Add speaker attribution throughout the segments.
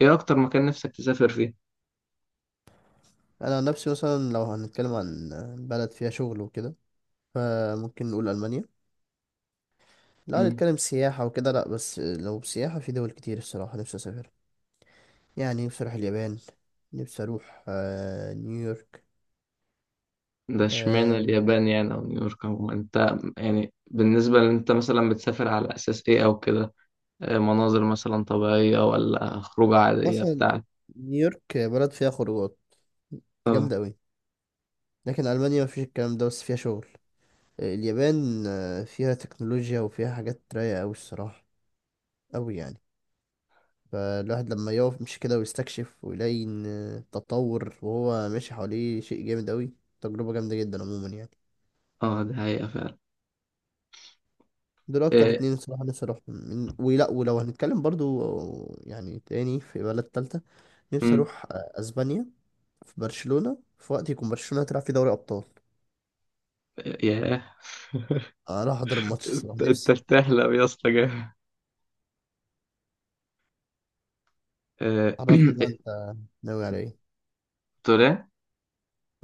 Speaker 1: ايه اكتر مكان نفسك تسافر فيه؟
Speaker 2: انا عن نفسي مثلا لو هنتكلم عن بلد فيها شغل وكده فممكن نقول المانيا. لو
Speaker 1: مم.
Speaker 2: هنتكلم سياحه وكده لا، بس لو سياحه في دول كتير الصراحه نفسي اسافر، يعني نفسي اروح اليابان. نفسي اروح نيويورك.
Speaker 1: ده
Speaker 2: آه،
Speaker 1: اشمعنى اليابان يعني او نيويورك؟ او انت يعني بالنسبة لان انت مثلا بتسافر على اساس ايه او كده؟ مناظر مثلا طبيعية ولا خروجة عادية
Speaker 2: مثلا
Speaker 1: بتاع؟
Speaker 2: نيويورك بلد فيها خروجات
Speaker 1: اه،
Speaker 2: جامده قوي، لكن المانيا مفيش الكلام ده بس فيها شغل. اليابان فيها تكنولوجيا وفيها حاجات رايقه قوي الصراحه، قوي يعني. فالواحد لما يقف مش كده ويستكشف ويلاقي إن التطور وهو ماشي حواليه شيء جامد أوي، تجربة جامدة جدا عموما يعني.
Speaker 1: اه، ده حقيقة فعلا.
Speaker 2: دول أكتر
Speaker 1: إيه.
Speaker 2: اتنين الصراحة نفسي أروحهم ولا، ولو هنتكلم برضو يعني تاني في بلد تالتة، نفسي
Speaker 1: مم.
Speaker 2: أروح أسبانيا في برشلونة في وقت يكون برشلونة تلعب في دوري أبطال،
Speaker 1: ياه!
Speaker 2: أروح أحضر الماتش الصراحة
Speaker 1: أنت
Speaker 2: نفسي.
Speaker 1: بتحلم يا اسطى جامد. آه،
Speaker 2: عرفني بقى أنت ناوي على إيه؟
Speaker 1: تقول ايه؟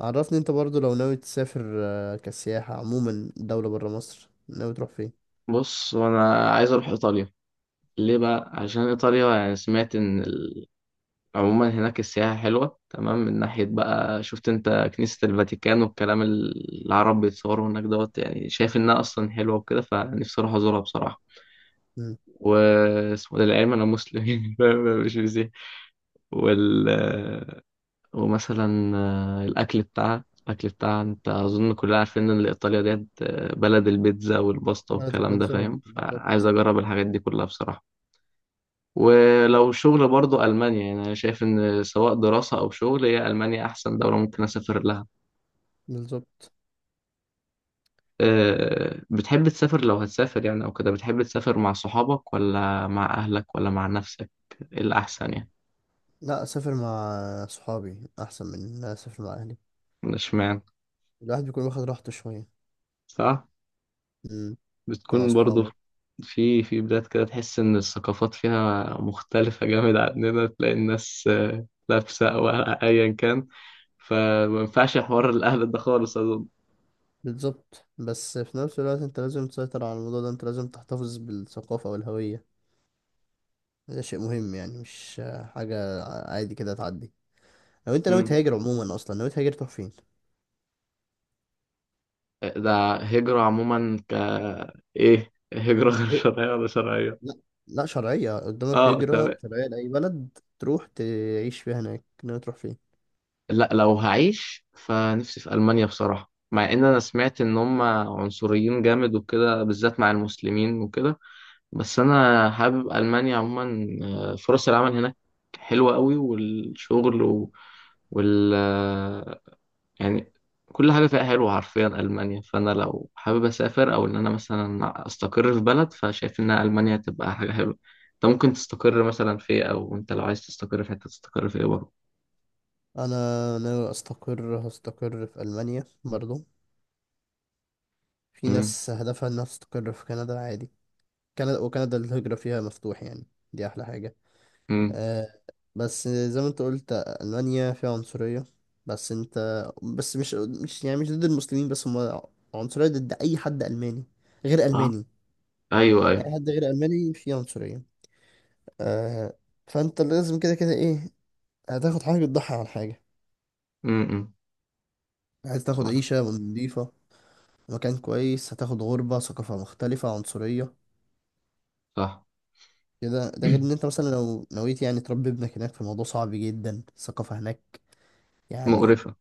Speaker 2: عرفني أنت برضو لو ناوي تسافر كسياحة عموما دولة برا مصر ناوي تروح فين؟
Speaker 1: بص، وانا عايز اروح ايطاليا. ليه بقى؟ عشان ايطاليا يعني سمعت ان عموما هناك السياحة حلوة تمام. من ناحية بقى شفت انت كنيسة الفاتيكان والكلام، العرب بيتصوروا هناك دوت، يعني شايف انها اصلا حلوة وكده، فنفسي اروح ازورها بصراحة.
Speaker 2: مم.
Speaker 1: واسمه ده العلم، انا مسلم مش مسيحي. وال ومثلا الاكل بتاعها، الاكل بتاعها، انت اظن كلنا عارفين ان ايطاليا ديت بلد البيتزا والباستا
Speaker 2: بلد
Speaker 1: والكلام ده، فاهم؟
Speaker 2: البلد
Speaker 1: فعايز اجرب الحاجات دي كلها بصراحة. ولو شغل برضو ألمانيا، يعني أنا شايف إن سواء دراسة أو شغل هي ألمانيا أحسن دولة ممكن أسافر لها.
Speaker 2: بالظبط.
Speaker 1: أه. بتحب تسافر لو هتسافر يعني أو كده، بتحب تسافر مع صحابك ولا مع أهلك ولا مع نفسك؟ إيه الأحسن يعني؟
Speaker 2: لا، اسافر مع صحابي احسن من ان أنا اسافر مع اهلي.
Speaker 1: اشمعنى؟
Speaker 2: الواحد بيكون واخد راحته شويه.
Speaker 1: صح.
Speaker 2: مم، انت مع
Speaker 1: بتكون برضو
Speaker 2: صحابك.
Speaker 1: في بلاد كده تحس إن الثقافات فيها مختلفة جامد عننا، تلاقي الناس لابسة أو أيا كان، فما ينفعش حوار الأهل ده خالص أظن.
Speaker 2: بالظبط، بس في نفس الوقت انت لازم تسيطر على الموضوع ده، انت لازم تحتفظ بالثقافه والهويه. ده شيء مهم يعني مش حاجه عادي كده تعدي. لو انت ناوي
Speaker 1: مم.
Speaker 2: تهاجر عموما اصلا ناوي تهاجر تروح فين؟
Speaker 1: ده هجرة عموما ايه، هجرة غير
Speaker 2: هي-
Speaker 1: شرعية ولا شرعية؟
Speaker 2: لا، لا شرعيه قدامك
Speaker 1: اه
Speaker 2: هجره
Speaker 1: تمام.
Speaker 2: شرعيه لاي بلد تروح تعيش فيها هناك، ناوي تروح فين؟
Speaker 1: لا لو هعيش فنفسي في ألمانيا بصراحة، مع ان انا سمعت ان هم عنصريين جامد وكده بالذات مع المسلمين وكده، بس انا حابب ألمانيا عموما. فرص العمل هناك حلوة قوي، والشغل وال يعني كل حاجة فيها حلوة حرفيا ألمانيا. فأنا لو حابب أسافر أو إن أنا مثلا أستقر في بلد، فشايف إن ألمانيا تبقى حاجة حلوة. أنت ممكن تستقر مثلا في إيه، أو أنت لو عايز تستقر في حتة تستقر في إيه برضه؟
Speaker 2: انا ناوي استقر، هستقر في المانيا برضو. في
Speaker 1: أمم،
Speaker 2: ناس هدفها انها تستقر في كندا عادي، كندا وكندا الهجرة فيها مفتوح يعني، دي احلى حاجة.
Speaker 1: أمم.
Speaker 2: آه، بس زي ما انت قلت ألمانيا فيها عنصرية، بس انت بس مش يعني مش ضد المسلمين، بس هم عنصرية ضد اي حد ألماني غير
Speaker 1: أه،
Speaker 2: ألماني،
Speaker 1: أيوه أيوه.
Speaker 2: اي حد غير ألماني فيه عنصرية. آه، فانت لازم كده كده ايه، هتاخد حاجة تضحي عن حاجة.
Speaker 1: أمم، أمم.
Speaker 2: عايز تاخد
Speaker 1: صح.
Speaker 2: عيشة نضيفة مكان كويس هتاخد غربة، ثقافة مختلفة، عنصرية
Speaker 1: صح.
Speaker 2: كده. ده غير ان انت مثلا لو نويت يعني تربي ابنك هناك، فالموضوع صعب جدا، الثقافة هناك يعني
Speaker 1: مقرفة.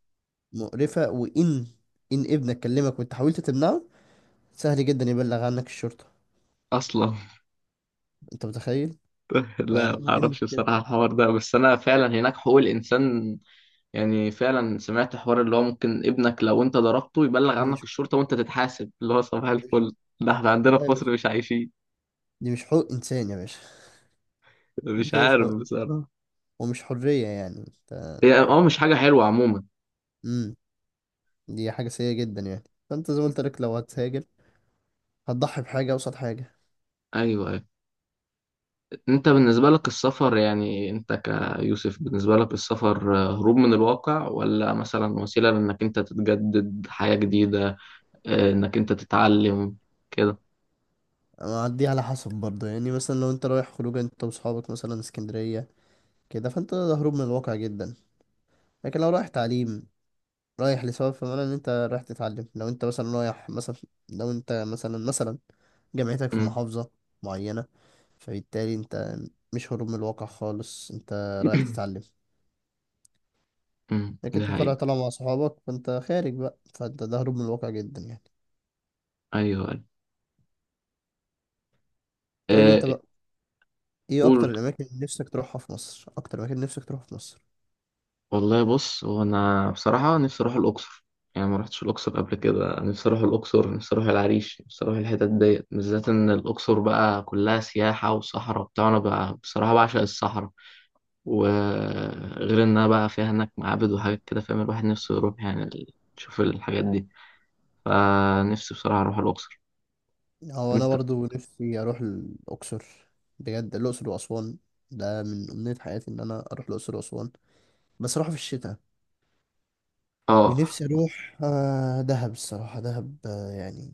Speaker 2: مقرفة. وان ابنك كلمك وانت حاولت تمنعه، سهل جدا يبلغ عنك الشرطة،
Speaker 1: أصلا.
Speaker 2: انت متخيل؟
Speaker 1: لا ما
Speaker 2: فدي
Speaker 1: أعرفش بصراحة
Speaker 2: المشكلة.
Speaker 1: الحوار ده، بس أنا فعلا هناك حقوق الإنسان يعني، فعلا سمعت حوار اللي هو ممكن ابنك لو انت ضربته يبلغ
Speaker 2: دي
Speaker 1: عنك
Speaker 2: مش
Speaker 1: الشرطة وانت تتحاسب، اللي هو صباح
Speaker 2: دي مش
Speaker 1: الفل. ده احنا عندنا
Speaker 2: لا يا
Speaker 1: في
Speaker 2: باشا،
Speaker 1: مصر مش عايشين.
Speaker 2: دي مش حقوق انسان يا باشا. دي
Speaker 1: مش
Speaker 2: كده مش
Speaker 1: عارف
Speaker 2: حقوق إنسان،
Speaker 1: بصراحة.
Speaker 2: ومش حرية يعني انت.
Speaker 1: هي اه مش حاجة حلوة عموما.
Speaker 2: امم، دي حاجة سيئة جدا يعني. فانت زي ما قلت لك لو هتهاجر هتضحي بحاجة قصاد حاجة.
Speaker 1: ايوه ايوه. انت بالنسبة لك السفر يعني، انت كيوسف بالنسبة لك السفر هروب من الواقع، ولا مثلا وسيلة لانك انت تتجدد حياة جديدة، انك انت تتعلم كده؟
Speaker 2: أما دي على حسب برضه يعني، مثلا لو انت رايح خروجه انت واصحابك مثلا اسكندرية كده، فانت هروب من الواقع جدا. لكن لو رايح تعليم، رايح لسبب، فمعنى ان انت رايح تتعلم. لو انت مثلا رايح مثلا لو انت مثلا مثلا جامعتك في
Speaker 1: امم
Speaker 2: محافظة معينة، فبالتالي انت مش هروب من الواقع خالص، انت رايح تتعلم. لكن
Speaker 1: ده
Speaker 2: انت طالع
Speaker 1: حقيقة.
Speaker 2: طالع مع صحابك فانت خارج بقى، فانت ده هروب من الواقع جدا يعني.
Speaker 1: ايوه ايوه.
Speaker 2: تقول لي
Speaker 1: آه،
Speaker 2: انت بقى، ايه اكتر
Speaker 1: قول.
Speaker 2: الاماكن اللي نفسك تروحها في مصر؟ اكتر مكان نفسك تروحه في مصر؟
Speaker 1: والله بص، هو انا بصراحه نفسي اروح الاقصر، يعني ما رحتش الاقصر قبل كده. نفسي اروح الاقصر، نفسي اروح العريش، نفسي اروح الحتت ديت، بالذات ان الاقصر بقى كلها سياحه وصحراء وبتاع، انا بقى بصراحه بعشق الصحراء. وغير انها بقى فيها هناك معابد وحاجات كده، فاهم؟ الواحد نفسه يروح يعني يشوف الحاجات دي، فنفسي بصراحه اروح الاقصر.
Speaker 2: هو انا
Speaker 1: انت
Speaker 2: برضو نفسي اروح الاقصر بجد، الاقصر واسوان، ده من امنية حياتي ان انا اروح الاقصر واسوان، بس اروح في الشتاء.
Speaker 1: اه
Speaker 2: ونفسي اروح دهب الصراحه، دهب يعني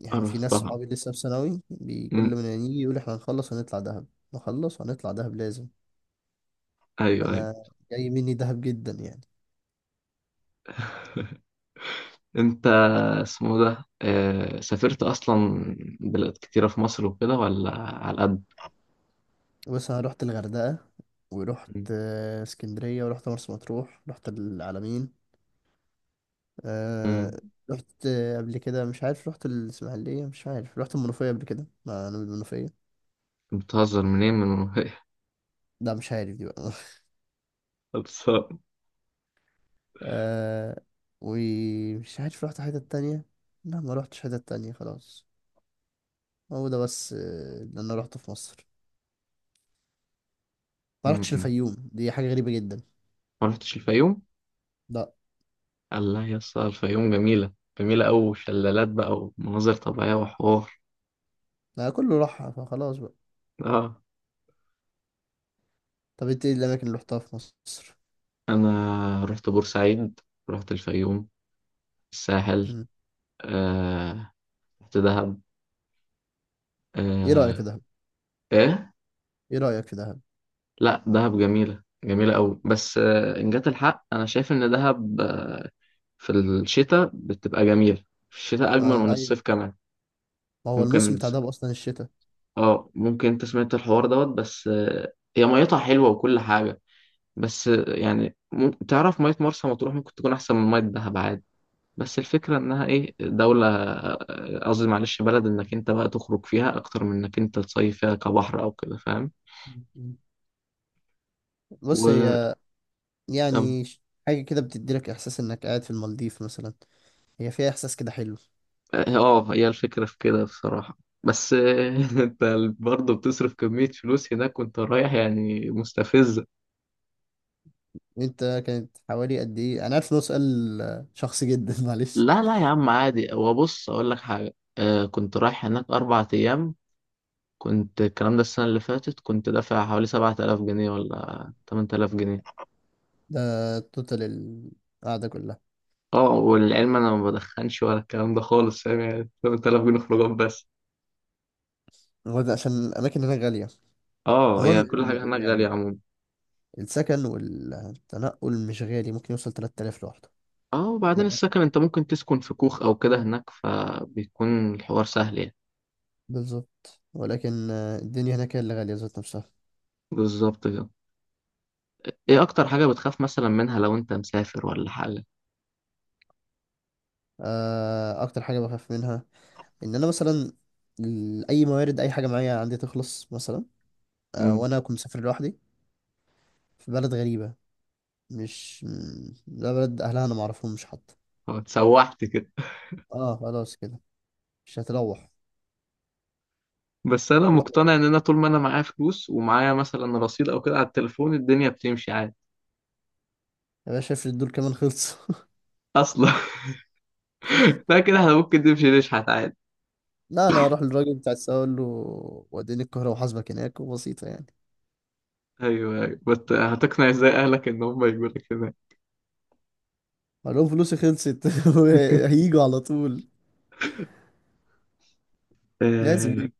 Speaker 2: يعني في ناس
Speaker 1: رحتها.
Speaker 2: صحابي لسه في ثانوي، كل
Speaker 1: أمم،
Speaker 2: ما يجي يقول احنا هنخلص هنطلع دهب، نخلص هنطلع دهب لازم.
Speaker 1: ايوه ايوه.
Speaker 2: فانا جاي مني دهب جدا يعني.
Speaker 1: انت اسمه ده سافرت اصلا بلاد كتيره في مصر وكده ولا على قد؟
Speaker 2: بس انا رحت الغردقه، ورحت اسكندريه، ورحت مرسى مطروح، رحت العلمين، آه
Speaker 1: مم.
Speaker 2: رحت قبل كده مش عارف، رحت الإسماعيلية، مش عارف رحت المنوفية قبل كده، مع أنا من المنوفية.
Speaker 1: بتهزر، منين من المنوفية؟
Speaker 2: لا مش عارف دي بقى.
Speaker 1: خلصان.
Speaker 2: آه ومش عارف رحت حتة تانية، لا ما رحتش حتة تانية خلاص. هو ده بس اللي أنا رحته في مصر. ما رحتش
Speaker 1: مم.
Speaker 2: الفيوم، دي حاجة غريبة جدا.
Speaker 1: ما رحتش الفيوم؟
Speaker 2: لا،
Speaker 1: الله يا اسطى، الفيوم جميلة، جميلة أوي، شلالات بقى ومناظر طبيعية وحوار.
Speaker 2: أنا كله راحها فخلاص بقى.
Speaker 1: اه.
Speaker 2: طب انت ايه الأماكن اللي رحتها في مصر؟
Speaker 1: أنا رحت بورسعيد، رحت الفيوم، الساحل.
Speaker 2: مم.
Speaker 1: آه. رحت دهب.
Speaker 2: ايه رأيك
Speaker 1: آه.
Speaker 2: في دهب؟
Speaker 1: إيه؟
Speaker 2: ايه رأيك في دهب؟
Speaker 1: لا دهب جميلة، جميلة أوي، بس آه، إن جات الحق أنا شايف إن دهب آه، في الشتاء بتبقى جميلة، في الشتاء أجمل
Speaker 2: آه
Speaker 1: من
Speaker 2: أيوة،
Speaker 1: الصيف كمان.
Speaker 2: ما هو الموسم
Speaker 1: ممكن.
Speaker 2: بتاع دهب أصلا الشتاء.
Speaker 1: اه ممكن. انت سمعت الحوار دوت، بس هي ميتها حلوة وكل حاجة، بس يعني تعرف مية مرسى مطروح ممكن تكون أحسن من مية دهب عادي. بس الفكرة إنها إيه، دولة قصدي معلش بلد، إنك أنت بقى تخرج فيها أكتر من إنك أنت تصيف فيها كبحر أو كده، فاهم؟
Speaker 2: مم. بص هي،
Speaker 1: وكم.
Speaker 2: يعني حاجة كده بتديلك إحساس إنك قاعد في المالديف مثلا، هي فيها إحساس كده حلو.
Speaker 1: اه هي الفكرة في كده بصراحة. بس أنت برضه بتصرف كمية فلوس هناك وأنت رايح يعني، مستفزة.
Speaker 2: أنت كانت حوالي قد إيه؟ أنا عارف إنه سؤال شخصي جدا معلش.
Speaker 1: لا لا يا عم عادي. هو بص أقول لك حاجة، كنت رايح هناك 4 أيام، كنت الكلام ده السنة اللي فاتت، كنت دافع حوالي 7000 جنيه ولا 8000 جنيه.
Speaker 2: ده توتال القعدة كلها؟
Speaker 1: اه والعلم أنا ما بدخنش ولا الكلام ده خالص، فاهم؟ يعني 8000 جنيه خروجات بس.
Speaker 2: هو ده عشان الأماكن هنا غالية.
Speaker 1: اه
Speaker 2: هو ال-
Speaker 1: هي كل حاجة
Speaker 2: ال- ال-
Speaker 1: هناك غالية
Speaker 2: يعني
Speaker 1: عموما.
Speaker 2: السكن والتنقل مش غالي ممكن يوصل 3000 لوحده.
Speaker 1: اه وبعدين
Speaker 2: لا،
Speaker 1: السكن انت ممكن تسكن في كوخ أو كده هناك، فبيكون الحوار سهل يعني.
Speaker 2: بالظبط، ولكن الدنيا هناك هي اللي غالية ذات نفسها.
Speaker 1: بالظبط كده. ايه أكتر حاجة بتخاف مثلا منها لو انت مسافر ولا حاجة؟
Speaker 2: أكتر حاجة بخاف منها إن أنا مثلا أي موارد أي حاجة معايا عندي تخلص مثلا،
Speaker 1: امم
Speaker 2: وانا كنت مسافر لوحدي في بلد غريبة، مش م- ده بلد اهلها انا معرفهمش حتى.
Speaker 1: اه اتسوحت كده.
Speaker 2: اه خلاص كده، مش هتروح.
Speaker 1: بس أنا
Speaker 2: روح بقى.
Speaker 1: مقتنع إن أنا طول ما أنا معايا فلوس ومعايا مثلا رصيد أو كده على التليفون الدنيا بتمشي عادي.
Speaker 2: يا باشا افرض دول كمان خلصوا؟
Speaker 1: أصلا. لا كده احنا ممكن نمشي نشحت عادي.
Speaker 2: لا انا هروح للراجل بتاع السواق اقول له وديني القاهرة وحاسبك هناك، وبسيطة يعني.
Speaker 1: ايوه ايوه بس هتقنع ازاي اهلك ان هم يجوا لك هناك؟
Speaker 2: اقول لهم فلوسي خلصت، هيجوا على طول، لازم
Speaker 1: آه،
Speaker 2: يجوا.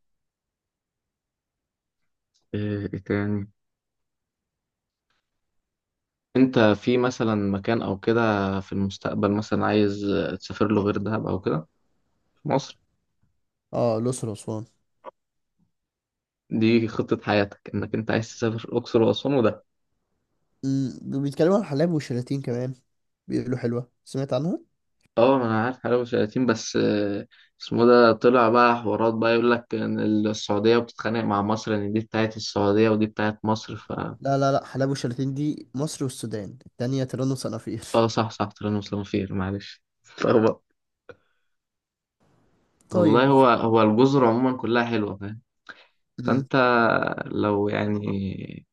Speaker 1: ايه تاني؟ انت في مثلا مكان او كده في المستقبل مثلا عايز تسافر له غير دهب او كده في مصر؟
Speaker 2: اه الاقصر واسوان.
Speaker 1: دي خطة حياتك انك انت عايز تسافر الاقصر واسوان وده؟
Speaker 2: بيتكلموا عن حلايب والشلاتين كمان، بيقولوا حلوة سمعت عنها.
Speaker 1: اه ما انا عارف حلاوة وشلاتين، بس اسمه ده طلع بقى حوارات، بقى يقول لك ان السعودية بتتخانق مع مصر، ان دي بتاعت السعودية ودي بتاعت مصر ف...
Speaker 2: لا لا لا، حلايب والشلاتين دي مصر والسودان، التانية تيران وصنافير.
Speaker 1: اه صح صح، طلعنا مسلمين فيه معلش. والله،
Speaker 2: طيب.
Speaker 1: هو الجزر عموما كلها حلوة، فاهم؟
Speaker 2: امم.
Speaker 1: فأنت لو يعني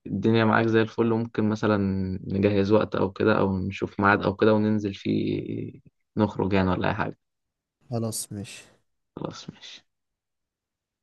Speaker 1: الدنيا معاك زي الفل، ممكن مثلا نجهز وقت أو كده أو نشوف ميعاد أو كده وننزل فيه، نخرج يعني ولا أي حاجة.
Speaker 2: خلاص ماشي.
Speaker 1: خلاص ماشي.